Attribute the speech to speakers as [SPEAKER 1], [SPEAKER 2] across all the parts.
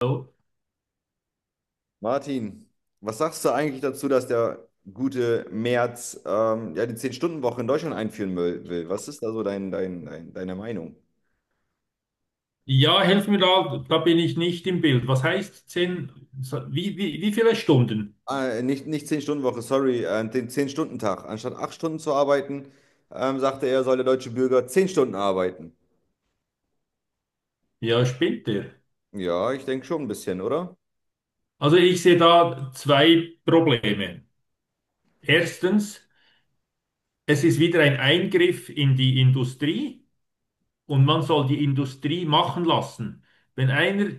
[SPEAKER 1] Oh,
[SPEAKER 2] Martin, was sagst du eigentlich dazu, dass der gute Merz ja die 10-Stunden-Woche in Deutschland einführen will? Was ist da so deine Meinung?
[SPEAKER 1] ja, helf mir da bin ich nicht im Bild. Was heißt 10? So, wie viele Stunden?
[SPEAKER 2] Nicht 10-Stunden-Woche, sorry, den 10-Stunden-Tag, anstatt 8 Stunden zu arbeiten, sagte er, soll der deutsche Bürger 10 Stunden arbeiten.
[SPEAKER 1] Ja, spinnt der.
[SPEAKER 2] Ja, ich denke schon ein bisschen, oder?
[SPEAKER 1] Also ich sehe da zwei Probleme. Erstens, es ist wieder ein Eingriff in die Industrie und man soll die Industrie machen lassen. Wenn einer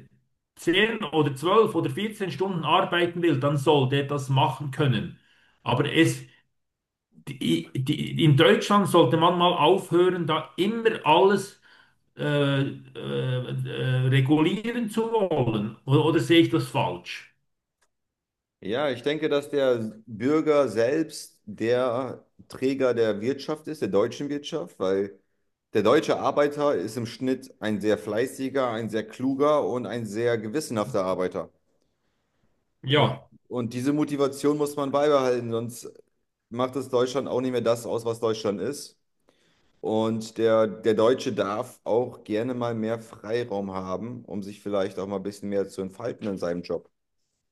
[SPEAKER 1] 10 oder 12 oder 14 Stunden arbeiten will, dann soll der das machen können. Aber es in Deutschland sollte man mal aufhören, da immer alles regulieren zu wollen. Oder sehe ich das falsch?
[SPEAKER 2] Ja, ich denke, dass der Bürger selbst der Träger der Wirtschaft ist, der deutschen Wirtschaft, weil der deutsche Arbeiter ist im Schnitt ein sehr fleißiger, ein sehr kluger und ein sehr gewissenhafter Arbeiter. Und,
[SPEAKER 1] Ja,
[SPEAKER 2] und diese Motivation muss man beibehalten, sonst macht es Deutschland auch nicht mehr das aus, was Deutschland ist. Und der Deutsche darf auch gerne mal mehr Freiraum haben, um sich vielleicht auch mal ein bisschen mehr zu entfalten in seinem Job.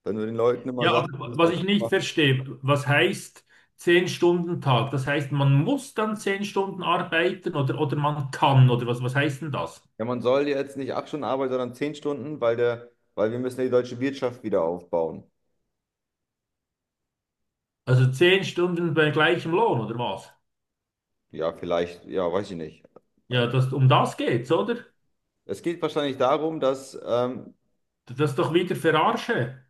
[SPEAKER 2] Wenn du den Leuten immer
[SPEAKER 1] ja,
[SPEAKER 2] sagst,
[SPEAKER 1] aber was ich nicht verstehe, was heißt 10-Stunden-Tag. Das heißt, man muss dann 10 Stunden arbeiten oder man kann oder was heißt denn das?
[SPEAKER 2] ja, man soll jetzt nicht 8 Stunden arbeiten, sondern 10 Stunden, weil der, weil wir müssen ja die deutsche Wirtschaft wieder aufbauen.
[SPEAKER 1] Also 10 Stunden bei gleichem Lohn oder was?
[SPEAKER 2] Ja, vielleicht, ja, weiß ich nicht.
[SPEAKER 1] Ja, das, um das geht's, oder?
[SPEAKER 2] Es geht wahrscheinlich darum, dass,
[SPEAKER 1] Das ist doch wieder Verarsche.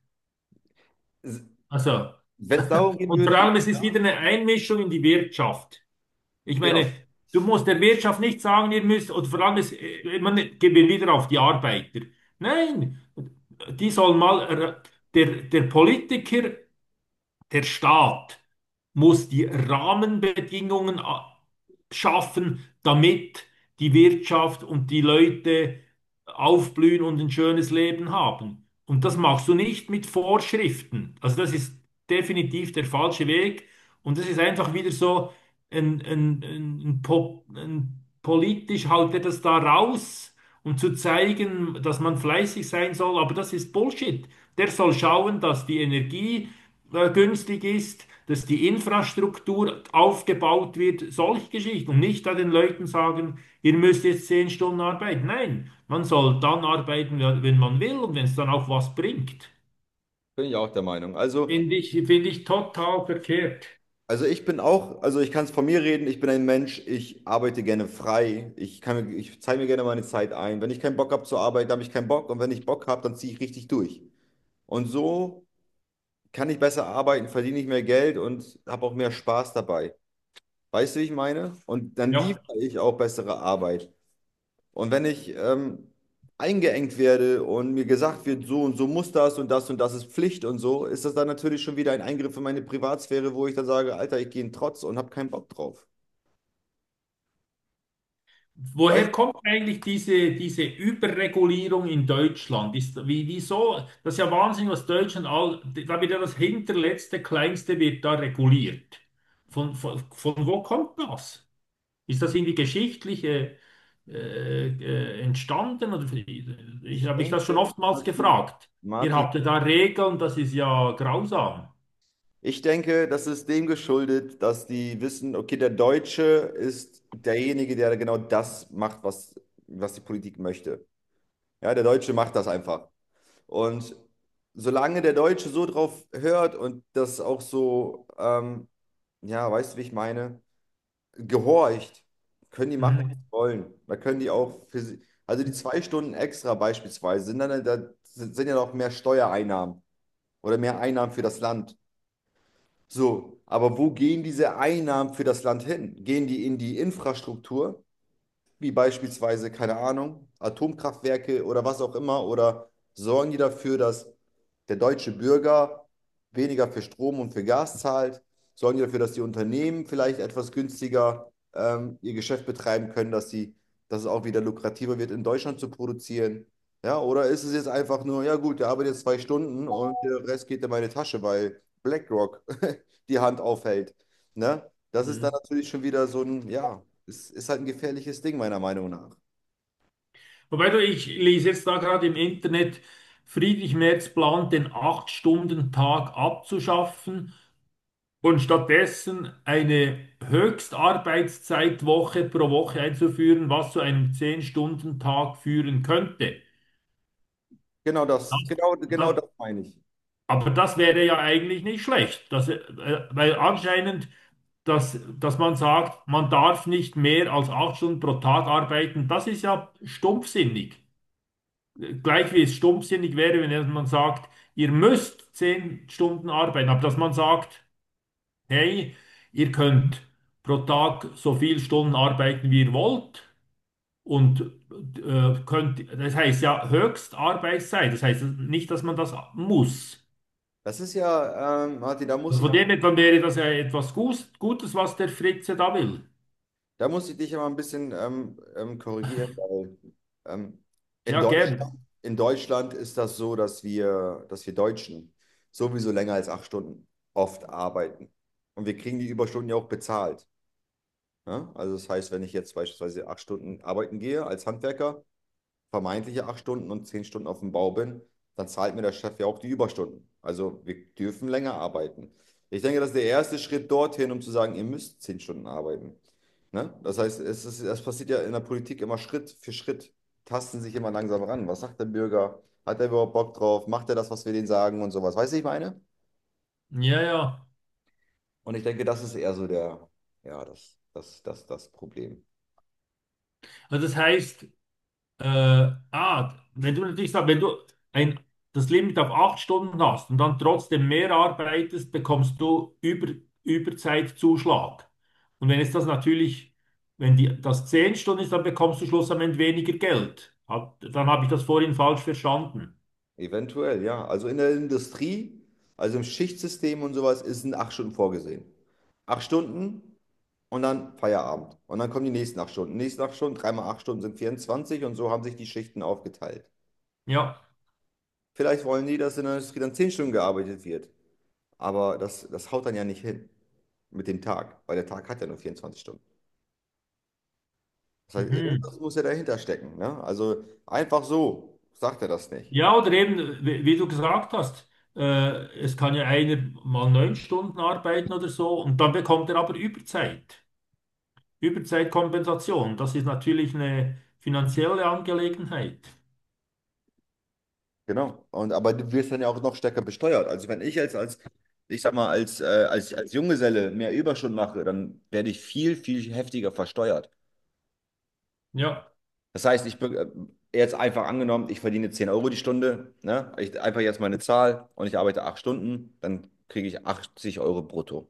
[SPEAKER 1] Also.
[SPEAKER 2] wenn es darum gehen
[SPEAKER 1] Und vor
[SPEAKER 2] würde,
[SPEAKER 1] allem, es ist wieder eine Einmischung in die Wirtschaft. Ich meine,
[SPEAKER 2] genau,
[SPEAKER 1] du musst der Wirtschaft nicht sagen, ihr müsst, und vor allem, es, man gehen wir wieder auf die Arbeiter. Nein, die sollen mal, der Politiker der Staat muss die Rahmenbedingungen schaffen, damit die Wirtschaft und die Leute aufblühen und ein schönes Leben haben. Und das machst du nicht mit Vorschriften. Also das ist definitiv der falsche Weg. Und das ist einfach wieder so ein politisch haut er das da raus um zu zeigen, dass man fleißig sein soll. Aber das ist Bullshit. Der soll schauen, dass die Energie günstig ist, dass die Infrastruktur aufgebaut wird, solche Geschichten. Und nicht da den Leuten sagen, ihr müsst jetzt 10 Stunden arbeiten. Nein, man soll dann arbeiten, wenn man will und wenn es dann auch was bringt.
[SPEAKER 2] bin ich auch der Meinung. Also,
[SPEAKER 1] Finde ich total verkehrt.
[SPEAKER 2] also ich bin auch, also ich kann es von mir reden, ich bin ein Mensch, ich arbeite gerne frei, ich kann, ich zeige mir gerne meine Zeit ein. Wenn ich keinen Bock habe zu arbeiten, habe ich keinen Bock, und wenn ich Bock habe, dann ziehe ich richtig durch. Und so kann ich besser arbeiten, verdiene ich mehr Geld und habe auch mehr Spaß dabei. Weißt du, wie ich meine? Und dann
[SPEAKER 1] Ja.
[SPEAKER 2] liefere ich auch bessere Arbeit. Und wenn ich eingeengt werde und mir gesagt wird, so und so muss das und das, und das ist Pflicht und so, ist das dann natürlich schon wieder ein Eingriff in meine Privatsphäre, wo ich dann sage, Alter, ich gehe in Trotz und habe keinen Bock drauf. Weißt
[SPEAKER 1] Woher kommt eigentlich diese Überregulierung in Deutschland? Wieso? Das ist ja Wahnsinn, was Deutschland all, da wird ja das hinterletzte, kleinste wird da reguliert. Von wo kommt das? Ist das irgendwie geschichtliche entstanden? Oder,
[SPEAKER 2] du,
[SPEAKER 1] ich
[SPEAKER 2] ich
[SPEAKER 1] habe mich das schon
[SPEAKER 2] denke,
[SPEAKER 1] oftmals
[SPEAKER 2] Martin,
[SPEAKER 1] gefragt. Ihr
[SPEAKER 2] Martin,
[SPEAKER 1] habt ja da Regeln, das ist ja grausam.
[SPEAKER 2] ich denke, das ist dem geschuldet, dass die wissen, okay, der Deutsche ist derjenige, der genau das macht, was, was die Politik möchte. Ja, der Deutsche macht das einfach. Und solange der Deutsche so drauf hört und das auch so, ja, weißt du, wie ich meine, gehorcht, können die machen, was sie wollen. Da können die auch für sie, also die 2 Stunden extra beispielsweise, sind dann da sind sind ja noch mehr Steuereinnahmen oder mehr Einnahmen für das Land. So, aber wo gehen diese Einnahmen für das Land hin? Gehen die in die Infrastruktur, wie beispielsweise, keine Ahnung, Atomkraftwerke oder was auch immer, oder sorgen die dafür, dass der deutsche Bürger weniger für Strom und für Gas zahlt? Sorgen die dafür, dass die Unternehmen vielleicht etwas günstiger ihr Geschäft betreiben können, dass sie, dass es auch wieder lukrativer wird, in Deutschland zu produzieren? Ja, oder ist es jetzt einfach nur, ja gut, der arbeitet jetzt 2 Stunden und der Rest geht in meine Tasche, weil BlackRock die Hand aufhält. Ne? Das ist dann
[SPEAKER 1] Mhm.
[SPEAKER 2] natürlich schon wieder so ein, ja, ist halt ein gefährliches Ding, meiner Meinung nach.
[SPEAKER 1] Wobei du, ich lese jetzt da gerade im Internet, Friedrich Merz plant, den 8-Stunden-Tag abzuschaffen und stattdessen eine Höchstarbeitszeitwoche pro Woche einzuführen, was zu einem 10-Stunden-Tag führen könnte.
[SPEAKER 2] Genau das,
[SPEAKER 1] Das,
[SPEAKER 2] genau, genau
[SPEAKER 1] das,
[SPEAKER 2] das meine ich.
[SPEAKER 1] aber das wäre ja eigentlich nicht schlecht, dass, weil anscheinend, dass man sagt, man darf nicht mehr als 8 Stunden pro Tag arbeiten, das ist ja stumpfsinnig. Gleich wie es stumpfsinnig wäre, wenn man sagt, ihr müsst 10 Stunden arbeiten, aber dass man sagt, hey, ihr könnt pro Tag so viele Stunden arbeiten, wie ihr wollt und könnt, das heißt ja Höchstarbeitszeit, das heißt nicht, dass man das muss.
[SPEAKER 2] Das ist ja, Martin, da muss
[SPEAKER 1] Also
[SPEAKER 2] ich,
[SPEAKER 1] von, ja, dem her, dann wäre das ja etwas Gutes, was der Fritze da will.
[SPEAKER 2] da muss ich dich ja mal ein bisschen korrigieren, weil ähm, in
[SPEAKER 1] Ja,
[SPEAKER 2] Deutschland,
[SPEAKER 1] gern.
[SPEAKER 2] in Deutschland ist das so, dass wir Deutschen sowieso länger als 8 Stunden oft arbeiten. Und wir kriegen die Überstunden ja auch bezahlt. Ne? Also das heißt, wenn ich jetzt beispielsweise 8 Stunden arbeiten gehe als Handwerker, vermeintliche 8 Stunden, und 10 Stunden auf dem Bau bin, dann zahlt mir der Chef ja auch die Überstunden. Also wir dürfen länger arbeiten. Ich denke, das ist der erste Schritt dorthin, um zu sagen, ihr müsst 10 Stunden arbeiten. Ne? Das heißt, es ist, das passiert ja in der Politik immer Schritt für Schritt, tasten sich immer langsam ran. Was sagt der Bürger? Hat er überhaupt Bock drauf? Macht er das, was wir denen sagen und sowas? Weißt du, ich meine?
[SPEAKER 1] Ja, ja.
[SPEAKER 2] Und ich denke, das ist eher so der, ja, das Problem.
[SPEAKER 1] Also das heißt, wenn du natürlich sagst, wenn du ein, das Limit auf 8 Stunden hast und dann trotzdem mehr arbeitest, bekommst du Überzeitzuschlag. Und wenn es das natürlich, wenn das 10 Stunden ist, dann bekommst du schlussendlich weniger Geld. Dann habe ich das vorhin falsch verstanden.
[SPEAKER 2] Eventuell, ja. Also in der Industrie, also im Schichtsystem und sowas, sind 8 Stunden vorgesehen. 8 Stunden und dann Feierabend. Und dann kommen die nächsten 8 Stunden. Nächsten acht Stunden, 3 mal 8 Stunden sind 24, und so haben sich die Schichten aufgeteilt.
[SPEAKER 1] Ja.
[SPEAKER 2] Vielleicht wollen die, dass in der Industrie dann 10 Stunden gearbeitet wird. Aber das, das haut dann ja nicht hin mit dem Tag, weil der Tag hat ja nur 24 Stunden. Das heißt,
[SPEAKER 1] Mhm.
[SPEAKER 2] irgendwas muss ja dahinter stecken. Ne? Also einfach so sagt er das nicht.
[SPEAKER 1] Ja, oder eben, wie du gesagt hast, es kann ja einer mal 9 Stunden arbeiten oder so und dann bekommt er aber Überzeit. Überzeitkompensation, das ist natürlich eine finanzielle Angelegenheit.
[SPEAKER 2] Genau. Und aber du wirst dann ja auch noch stärker besteuert. Also wenn ich jetzt als, ich sag mal, als, als, als Junggeselle mehr Überstunden mache, dann werde ich viel, viel heftiger versteuert.
[SPEAKER 1] Ja,
[SPEAKER 2] Das heißt, jetzt einfach angenommen, ich verdiene 10 Euro die Stunde, ne? Ich einfach jetzt meine Zahl und ich arbeite 8 Stunden, dann kriege ich 80 Euro brutto.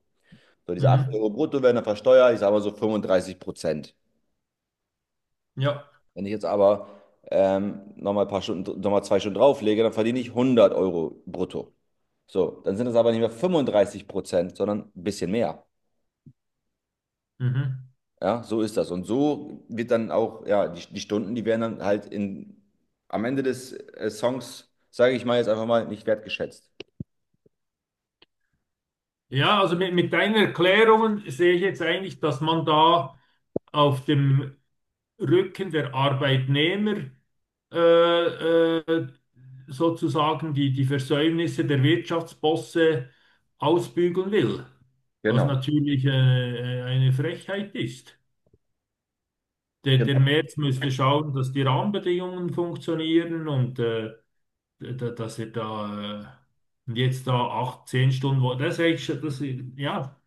[SPEAKER 2] So, diese 80
[SPEAKER 1] mhm.
[SPEAKER 2] Euro brutto werden dann versteuert, ich sage mal so 35%.
[SPEAKER 1] Ja,
[SPEAKER 2] Wenn ich jetzt aber nochmal ein paar Stunden, nochmal 2 Stunden drauflege, dann verdiene ich 100 Euro brutto. So, dann sind es aber nicht mehr 35%, sondern ein bisschen mehr.
[SPEAKER 1] mhm.
[SPEAKER 2] Ja, so ist das. Und so wird dann auch, ja, die Stunden, die werden dann halt in, am Ende des Songs, sage ich mal jetzt einfach mal, nicht wertgeschätzt.
[SPEAKER 1] Ja, also mit deinen Erklärungen sehe ich jetzt eigentlich, dass man da auf dem Rücken der Arbeitnehmer äh, äh, sozusagen die Versäumnisse der Wirtschaftsbosse ausbügeln will, was
[SPEAKER 2] Genau.
[SPEAKER 1] natürlich eine Frechheit ist. Der
[SPEAKER 2] Genau.
[SPEAKER 1] Merz müsste schauen, dass die Rahmenbedingungen funktionieren und dass er da äh, und jetzt da acht, zehn Stunden, wo, das ist eigentlich, das, ja,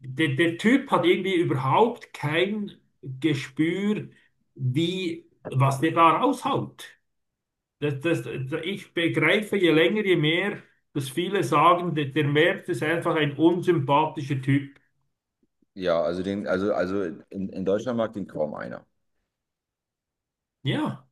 [SPEAKER 1] der Typ hat irgendwie überhaupt kein Gespür, was der da raushaut. Das, das, ich begreife je länger, je mehr, dass viele sagen, der Merz ist einfach ein unsympathischer Typ.
[SPEAKER 2] Ja, also den, also in Deutschland mag den kaum einer.
[SPEAKER 1] Ja.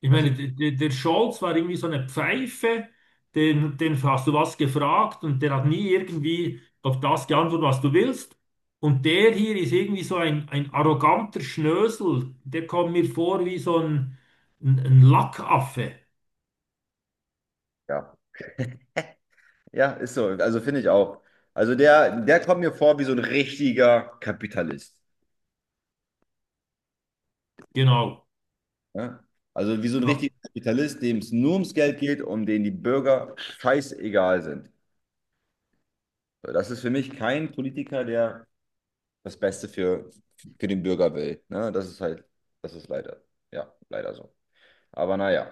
[SPEAKER 1] Ich
[SPEAKER 2] Das ist,
[SPEAKER 1] meine, der Scholz war irgendwie so eine Pfeife, den hast du was gefragt und der hat nie irgendwie auf das geantwortet, was du willst. Und der hier ist irgendwie so ein arroganter Schnösel, der kommt mir vor wie so ein Lackaffe.
[SPEAKER 2] ja. Ja, ist so. Also finde ich auch. Also der, der kommt mir vor wie so ein richtiger Kapitalist.
[SPEAKER 1] Genau.
[SPEAKER 2] Ja? Also wie so ein richtiger
[SPEAKER 1] Ja.
[SPEAKER 2] Kapitalist, dem es nur ums Geld geht, und denen die Bürger scheißegal sind. So, das ist für mich kein Politiker, der das Beste für den Bürger will. Ne? Das ist halt, das ist leider, ja, leider so. Aber naja.